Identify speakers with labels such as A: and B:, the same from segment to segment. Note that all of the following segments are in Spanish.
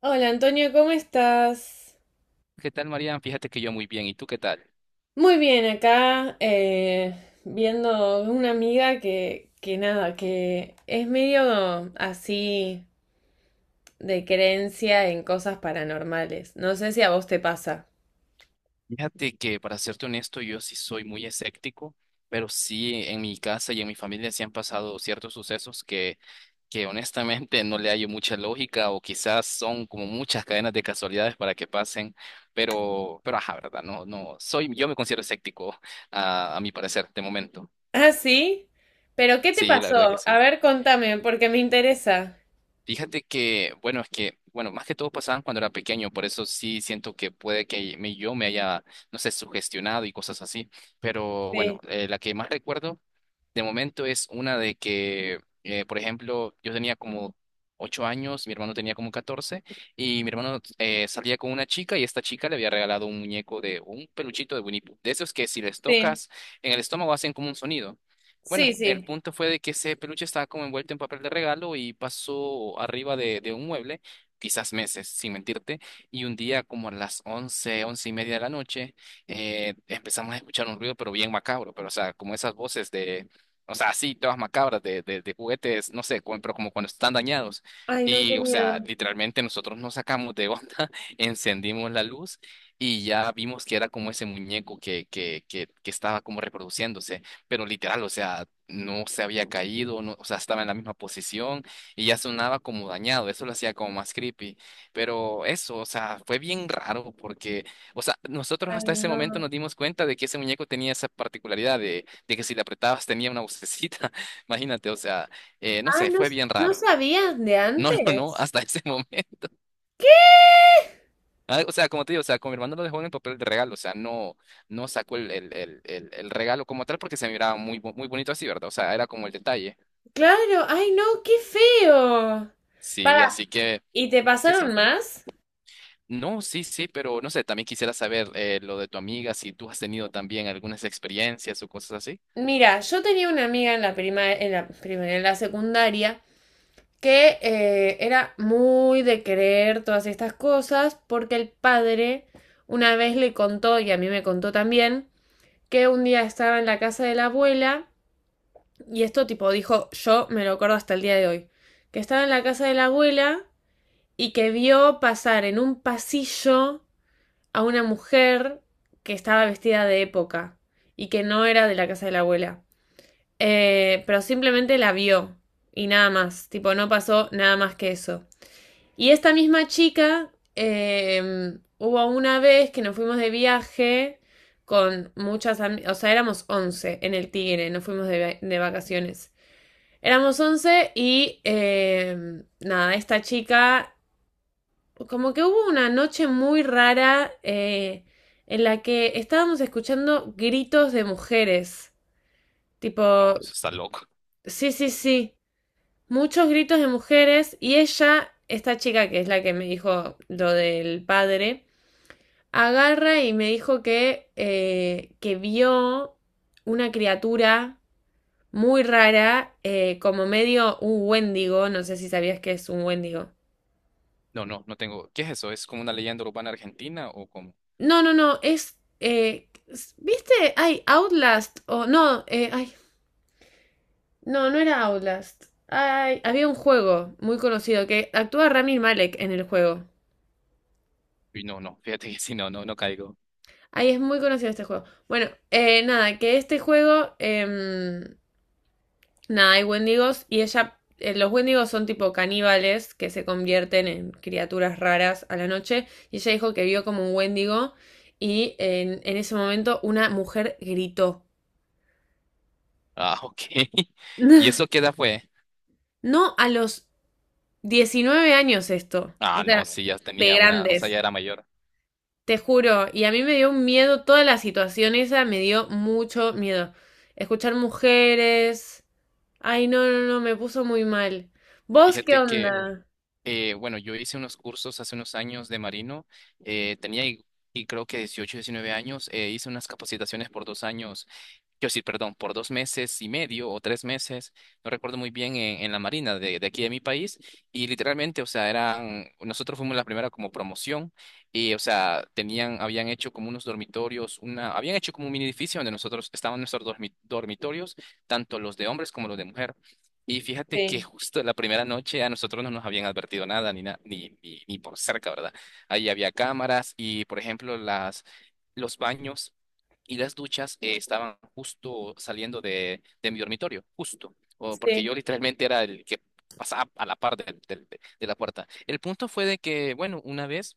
A: Hola Antonio, ¿cómo estás?
B: ¿Qué tal, Marian? Fíjate que yo muy bien. ¿Y tú qué tal?
A: Muy bien, acá viendo una amiga que nada, que es medio así de creencia en cosas paranormales. No sé si a vos te pasa.
B: Fíjate que, para serte honesto, yo sí soy muy escéptico, pero sí en mi casa y en mi familia sí han pasado ciertos sucesos que honestamente no le hallo mucha lógica o quizás son como muchas cadenas de casualidades para que pasen, pero ajá, ¿verdad? No, no, yo me considero escéptico, a mi parecer, de momento.
A: Ah, sí, pero ¿qué te
B: Sí, la verdad que
A: pasó? A
B: sí.
A: ver, contame, porque me interesa.
B: Fíjate que, bueno, es que, bueno, más que todo pasaban cuando era pequeño, por eso sí siento que puede que yo me haya, no sé, sugestionado y cosas así, pero bueno,
A: Sí,
B: la que más recuerdo de momento es una de que, por ejemplo, yo tenía como 8 años, mi hermano tenía como 14 y mi hermano salía con una chica y esta chica le había regalado un muñeco de un peluchito de Winnie Pooh. De esos que si les
A: sí,
B: tocas en el estómago hacen como un sonido. Bueno,
A: sí,
B: el
A: sí.
B: punto fue de que ese peluche estaba como envuelto en papel de regalo y pasó arriba de un mueble, quizás meses, sin mentirte, y un día como a las 11, 11:30 de la noche empezamos a escuchar un ruido, pero bien macabro, pero o sea, como esas voces de, o sea, así, todas macabras de, de juguetes, no sé, pero como cuando están dañados.
A: Ay, no, qué
B: Y, o sea,
A: miedo.
B: literalmente nosotros nos sacamos de onda, encendimos la luz y ya vimos que era como ese muñeco que estaba como reproduciéndose. Pero literal, o sea, no se había caído, no, o sea, estaba en la misma posición y ya sonaba como dañado. Eso lo hacía como más creepy. Pero eso, o sea, fue bien raro porque, o sea, nosotros
A: Ay,
B: hasta ese momento
A: no.
B: nos dimos cuenta de que ese muñeco tenía esa particularidad de que si le apretabas tenía una vocecita. Imagínate, o sea, no
A: Ah,
B: sé,
A: ¿no,
B: fue bien
A: no
B: raro.
A: sabías de
B: No, no, no,
A: antes?
B: hasta ese momento.
A: ¿Qué?
B: Ah, o sea, como te digo, o sea, con mi hermano lo dejó en el papel de regalo, o sea, no, no sacó el regalo como tal porque se miraba muy, muy bonito así, ¿verdad? O sea, era como el detalle.
A: Claro, ay no, qué feo.
B: Sí,
A: Para,
B: así que,
A: ¿y te
B: sí,
A: pasaron
B: sí.
A: más?
B: No, sí, sí, pero no sé, también quisiera saber lo de tu amiga, si tú has tenido también algunas experiencias o cosas así.
A: Mira, yo tenía una amiga en la prima, en la primaria, en la secundaria, que era muy de creer todas estas cosas, porque el padre una vez le contó, y a mí me contó también, que un día estaba en la casa de la abuela, y esto tipo dijo, yo me lo acuerdo hasta el día de hoy, que estaba en la casa de la abuela y que vio pasar en un pasillo a una mujer que estaba vestida de época y que no era de la casa de la abuela. Pero simplemente la vio y nada más, tipo, no pasó nada más que eso. Y esta misma chica, hubo una vez que nos fuimos de viaje con muchas amigas, o sea, éramos 11 en el Tigre, nos fuimos de vacaciones. Éramos 11 y nada, esta chica como que hubo una noche muy rara en la que estábamos escuchando gritos de mujeres. Tipo,
B: No, eso está loco.
A: sí, sí, sí. Muchos gritos de mujeres y ella, esta chica que es la que me dijo lo del padre, agarra y me dijo que vio una criatura muy rara, como medio un wendigo, no sé si sabías que es un wendigo.
B: No, no, no tengo. ¿Qué es eso? ¿Es como una leyenda urbana argentina o como?
A: No, no, no, es, ¿viste? Ay, Outlast, o no, ay, no, no era Outlast. Ay, había un juego muy conocido que actúa Rami Malek en el juego.
B: Uy, no, no, fíjate que sí, no, no, no caigo.
A: Ay, es muy conocido este juego. Bueno, nada, que este juego, nada, hay wendigos y ella, los wendigos son tipo caníbales que se convierten en criaturas raras a la noche y ella dijo que vio como un wendigo y en ese momento una mujer gritó.
B: Ah, ok. ¿Y eso qué edad fue?
A: No, a los 19 años esto, o
B: Ah, no,
A: sea,
B: sí, ya
A: de
B: tenía una, o sea,
A: grandes,
B: ya era mayor.
A: te juro. Y a mí me dio un miedo, toda la situación esa me dio mucho miedo. Escuchar mujeres. Ay, no, no, no, me puso muy mal. ¿Vos qué
B: Fíjate que,
A: onda?
B: bueno, yo hice unos cursos hace unos años de marino, tenía y creo que 18, 19 años, hice unas capacitaciones por 2 años. Yo sí, perdón, por 2 meses y medio o 3 meses, no recuerdo muy bien, en la Marina de aquí de mi país. Y literalmente, o sea, nosotros fuimos la primera como promoción y, o sea, habían hecho como unos dormitorios, habían hecho como un mini edificio donde nosotros estaban nuestros dormitorios, tanto los de hombres como los de mujer. Y fíjate que
A: Sí,
B: justo la primera noche a nosotros no nos habían advertido nada, ni, na- ni, ni, ni por cerca, ¿verdad? Ahí había cámaras y, por ejemplo, Los baños y las duchas estaban justo saliendo de mi dormitorio, justo, o porque
A: sí,
B: yo literalmente era el que pasaba a la par de la puerta. El punto fue de que, bueno, una vez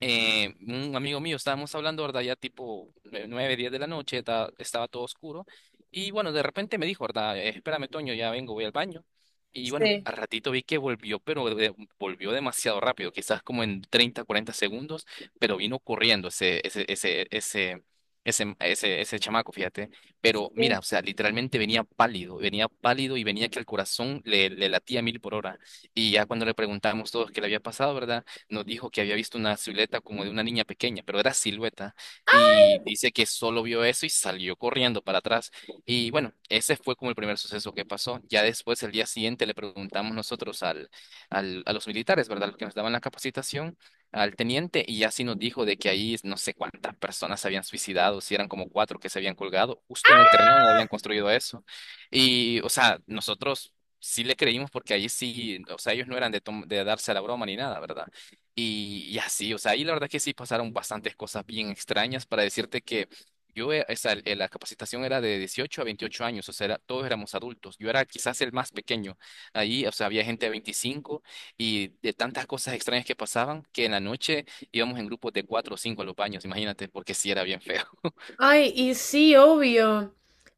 B: un amigo mío, estábamos hablando, ¿verdad? Ya tipo 9, 10 de la noche, estaba todo oscuro. Y bueno, de repente me dijo, ¿verdad? Espérame, Toño, ya vengo, voy al baño". Y bueno,
A: sí,
B: al ratito vi que volvió, pero volvió demasiado rápido, quizás como en 30, 40 segundos, pero vino corriendo ese chamaco, fíjate. Pero mira,
A: sí.
B: o sea, literalmente venía pálido y venía que el corazón le latía a mil por hora. Y ya cuando le preguntamos todos qué le había pasado, ¿verdad? Nos dijo que había visto una silueta como de una niña pequeña, pero era silueta, y dice que solo vio eso y salió corriendo para atrás. Y bueno, ese fue como el primer suceso que pasó. Ya después, el día siguiente, le preguntamos nosotros a los militares, ¿verdad? Los que nos daban la capacitación, al teniente, y ya sí nos dijo de que ahí no sé cuántas personas se habían suicidado, si eran como cuatro que se habían colgado, justo en el terreno donde habían construido eso. Y, o sea, nosotros sí le creímos porque ahí sí, o sea, ellos no eran de darse a la broma ni nada, ¿verdad? Y así, o sea, y la verdad que sí pasaron bastantes cosas bien extrañas para decirte que yo, o sea, la capacitación era de 18 a 28 años, o sea, todos éramos adultos. Yo era quizás el más pequeño. Ahí, o sea, había gente de 25 y de tantas cosas extrañas que pasaban que en la noche íbamos en grupos de cuatro o cinco a los baños, imagínate, porque sí era bien feo.
A: Ay, y sí, obvio.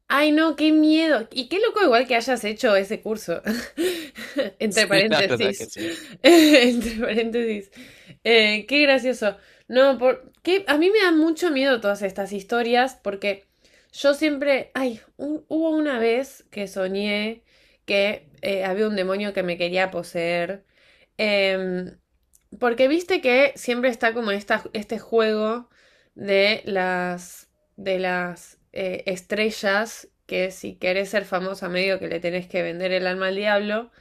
A: Ay, no, qué miedo. Y qué loco igual que hayas hecho ese curso. Entre
B: Sí, la verdad que
A: paréntesis.
B: sí.
A: Entre paréntesis. Qué gracioso. No, por, qué, a mí me dan mucho miedo todas estas historias porque yo siempre... Ay, un, hubo una vez que soñé que había un demonio que me quería poseer. Em, Porque viste que siempre está como esta, este juego de las de las estrellas que si querés ser famosa medio que le tenés que vender el alma al diablo.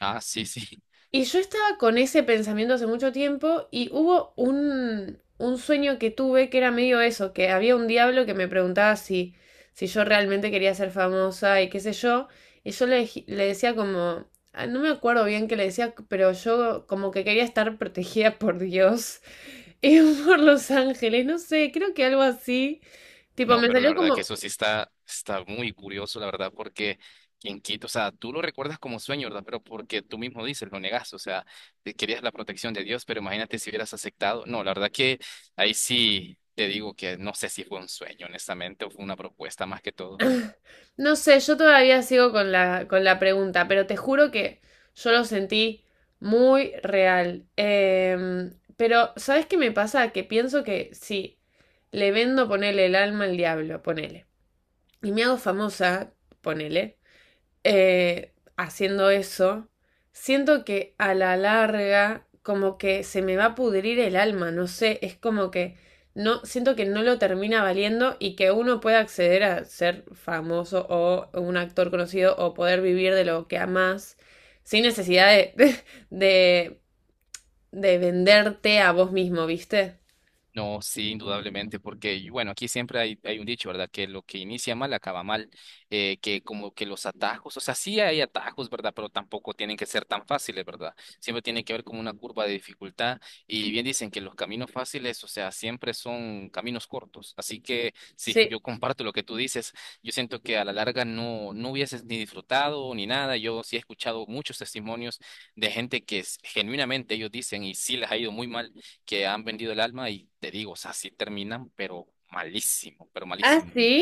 B: Ah, sí, sí.
A: Y yo estaba con ese pensamiento hace mucho tiempo y hubo un sueño que tuve que era medio eso, que había un diablo que me preguntaba si yo realmente quería ser famosa y qué sé yo. Y yo le decía como, ah, no me acuerdo bien qué le decía, pero yo como que quería estar protegida por Dios y por los ángeles, no sé, creo que algo así. Tipo,
B: No,
A: me
B: pero la
A: salió
B: verdad que
A: como,
B: eso sí está muy curioso, la verdad, porque quien quita, o sea, tú lo recuerdas como sueño, ¿verdad? Pero porque tú mismo dices, lo negaste, o sea, te querías la protección de Dios, pero imagínate si hubieras aceptado. No, la verdad que ahí sí te digo que no sé si fue un sueño, honestamente, o fue una propuesta más que todo.
A: no sé, yo todavía sigo con la pregunta, pero te juro que yo lo sentí muy real. Pero, ¿sabes qué me pasa? Que pienso que sí le vendo, ponele el alma al diablo, ponele. Y me hago famosa, ponele haciendo eso, siento que a la larga como que se me va a pudrir el alma, no sé, es como que no, siento que no lo termina valiendo y que uno pueda acceder a ser famoso o un actor conocido o poder vivir de lo que amas sin necesidad de, de venderte a vos mismo, ¿viste?
B: No, sí, indudablemente, porque bueno, aquí siempre hay un dicho, ¿verdad? Que lo que inicia mal acaba mal, que como que los atajos, o sea, sí hay atajos, ¿verdad? Pero tampoco tienen que ser tan fáciles, ¿verdad? Siempre tiene que haber como una curva de dificultad y bien dicen que los caminos fáciles, o sea, siempre son caminos cortos, así que sí,
A: Sí.
B: yo comparto lo que tú dices, yo siento que a la larga no, no hubieses ni disfrutado ni nada, yo sí he escuchado muchos testimonios de gente que genuinamente ellos dicen y sí les ha ido muy mal que han vendido el alma y te digo, o sea, sí terminan, pero malísimo, pero
A: Ah,
B: malísimo.
A: sí,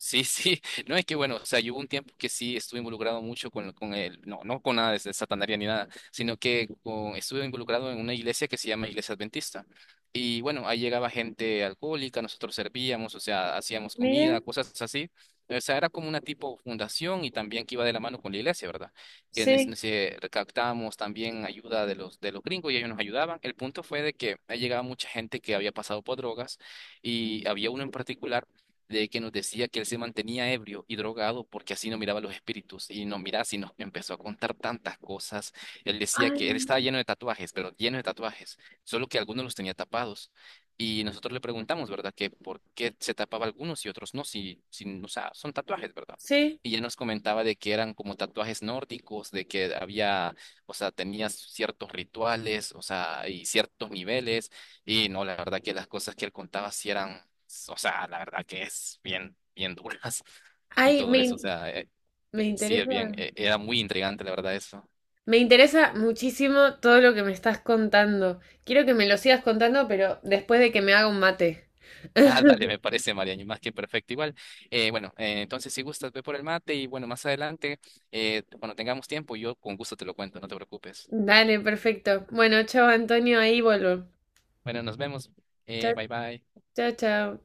B: Sí, sí, no es que bueno, o sea, yo hubo un tiempo que sí estuve involucrado mucho no, no con nada de satanaria ni nada, sino que estuve involucrado en una iglesia que se llama Iglesia Adventista. Y bueno, ahí llegaba gente alcohólica, nosotros servíamos, o sea, hacíamos
A: miren,
B: comida, cosas así. O sea, era como una tipo fundación y también que iba de la mano con la iglesia, ¿verdad? Que en ese- en
A: sí.
B: ese recaptábamos también ayuda de los gringos y ellos nos ayudaban. El punto fue de que ahí llegaba mucha gente que había pasado por drogas y había uno en particular de que nos decía que él se mantenía ebrio y drogado porque así no miraba los espíritus. Y no, mira, si nos empezó a contar tantas cosas. Él decía
A: Ay,
B: que él estaba
A: no.
B: lleno de tatuajes, pero lleno de tatuajes, solo que algunos los tenía tapados. Y nosotros le preguntamos, ¿verdad? Que por qué se tapaba algunos y otros no, si, o sea, son tatuajes, ¿verdad?
A: Sí.
B: Y él nos comentaba de que eran como tatuajes nórdicos, de que había, o sea, tenía ciertos rituales, o sea, y ciertos niveles. Y no, la verdad que las cosas que él contaba sí eran o sea, la verdad que es bien, bien duras y
A: Ay,
B: todo
A: me,
B: eso, o
A: in-,
B: sea,
A: me
B: sí es bien,
A: interesa.
B: era muy intrigante la verdad eso.
A: Me interesa muchísimo todo lo que me estás contando. Quiero que me lo sigas contando, pero después de que me haga un mate.
B: Ah, dale, me parece, Mariano, más que perfecto igual. Bueno, entonces si gustas, ve por el mate y bueno, más adelante, cuando tengamos tiempo, yo con gusto te lo cuento, no te preocupes.
A: Dale, perfecto. Bueno, chao Antonio, ahí vuelvo.
B: Bueno, nos vemos.
A: Chao,
B: Bye bye.
A: chao, chao.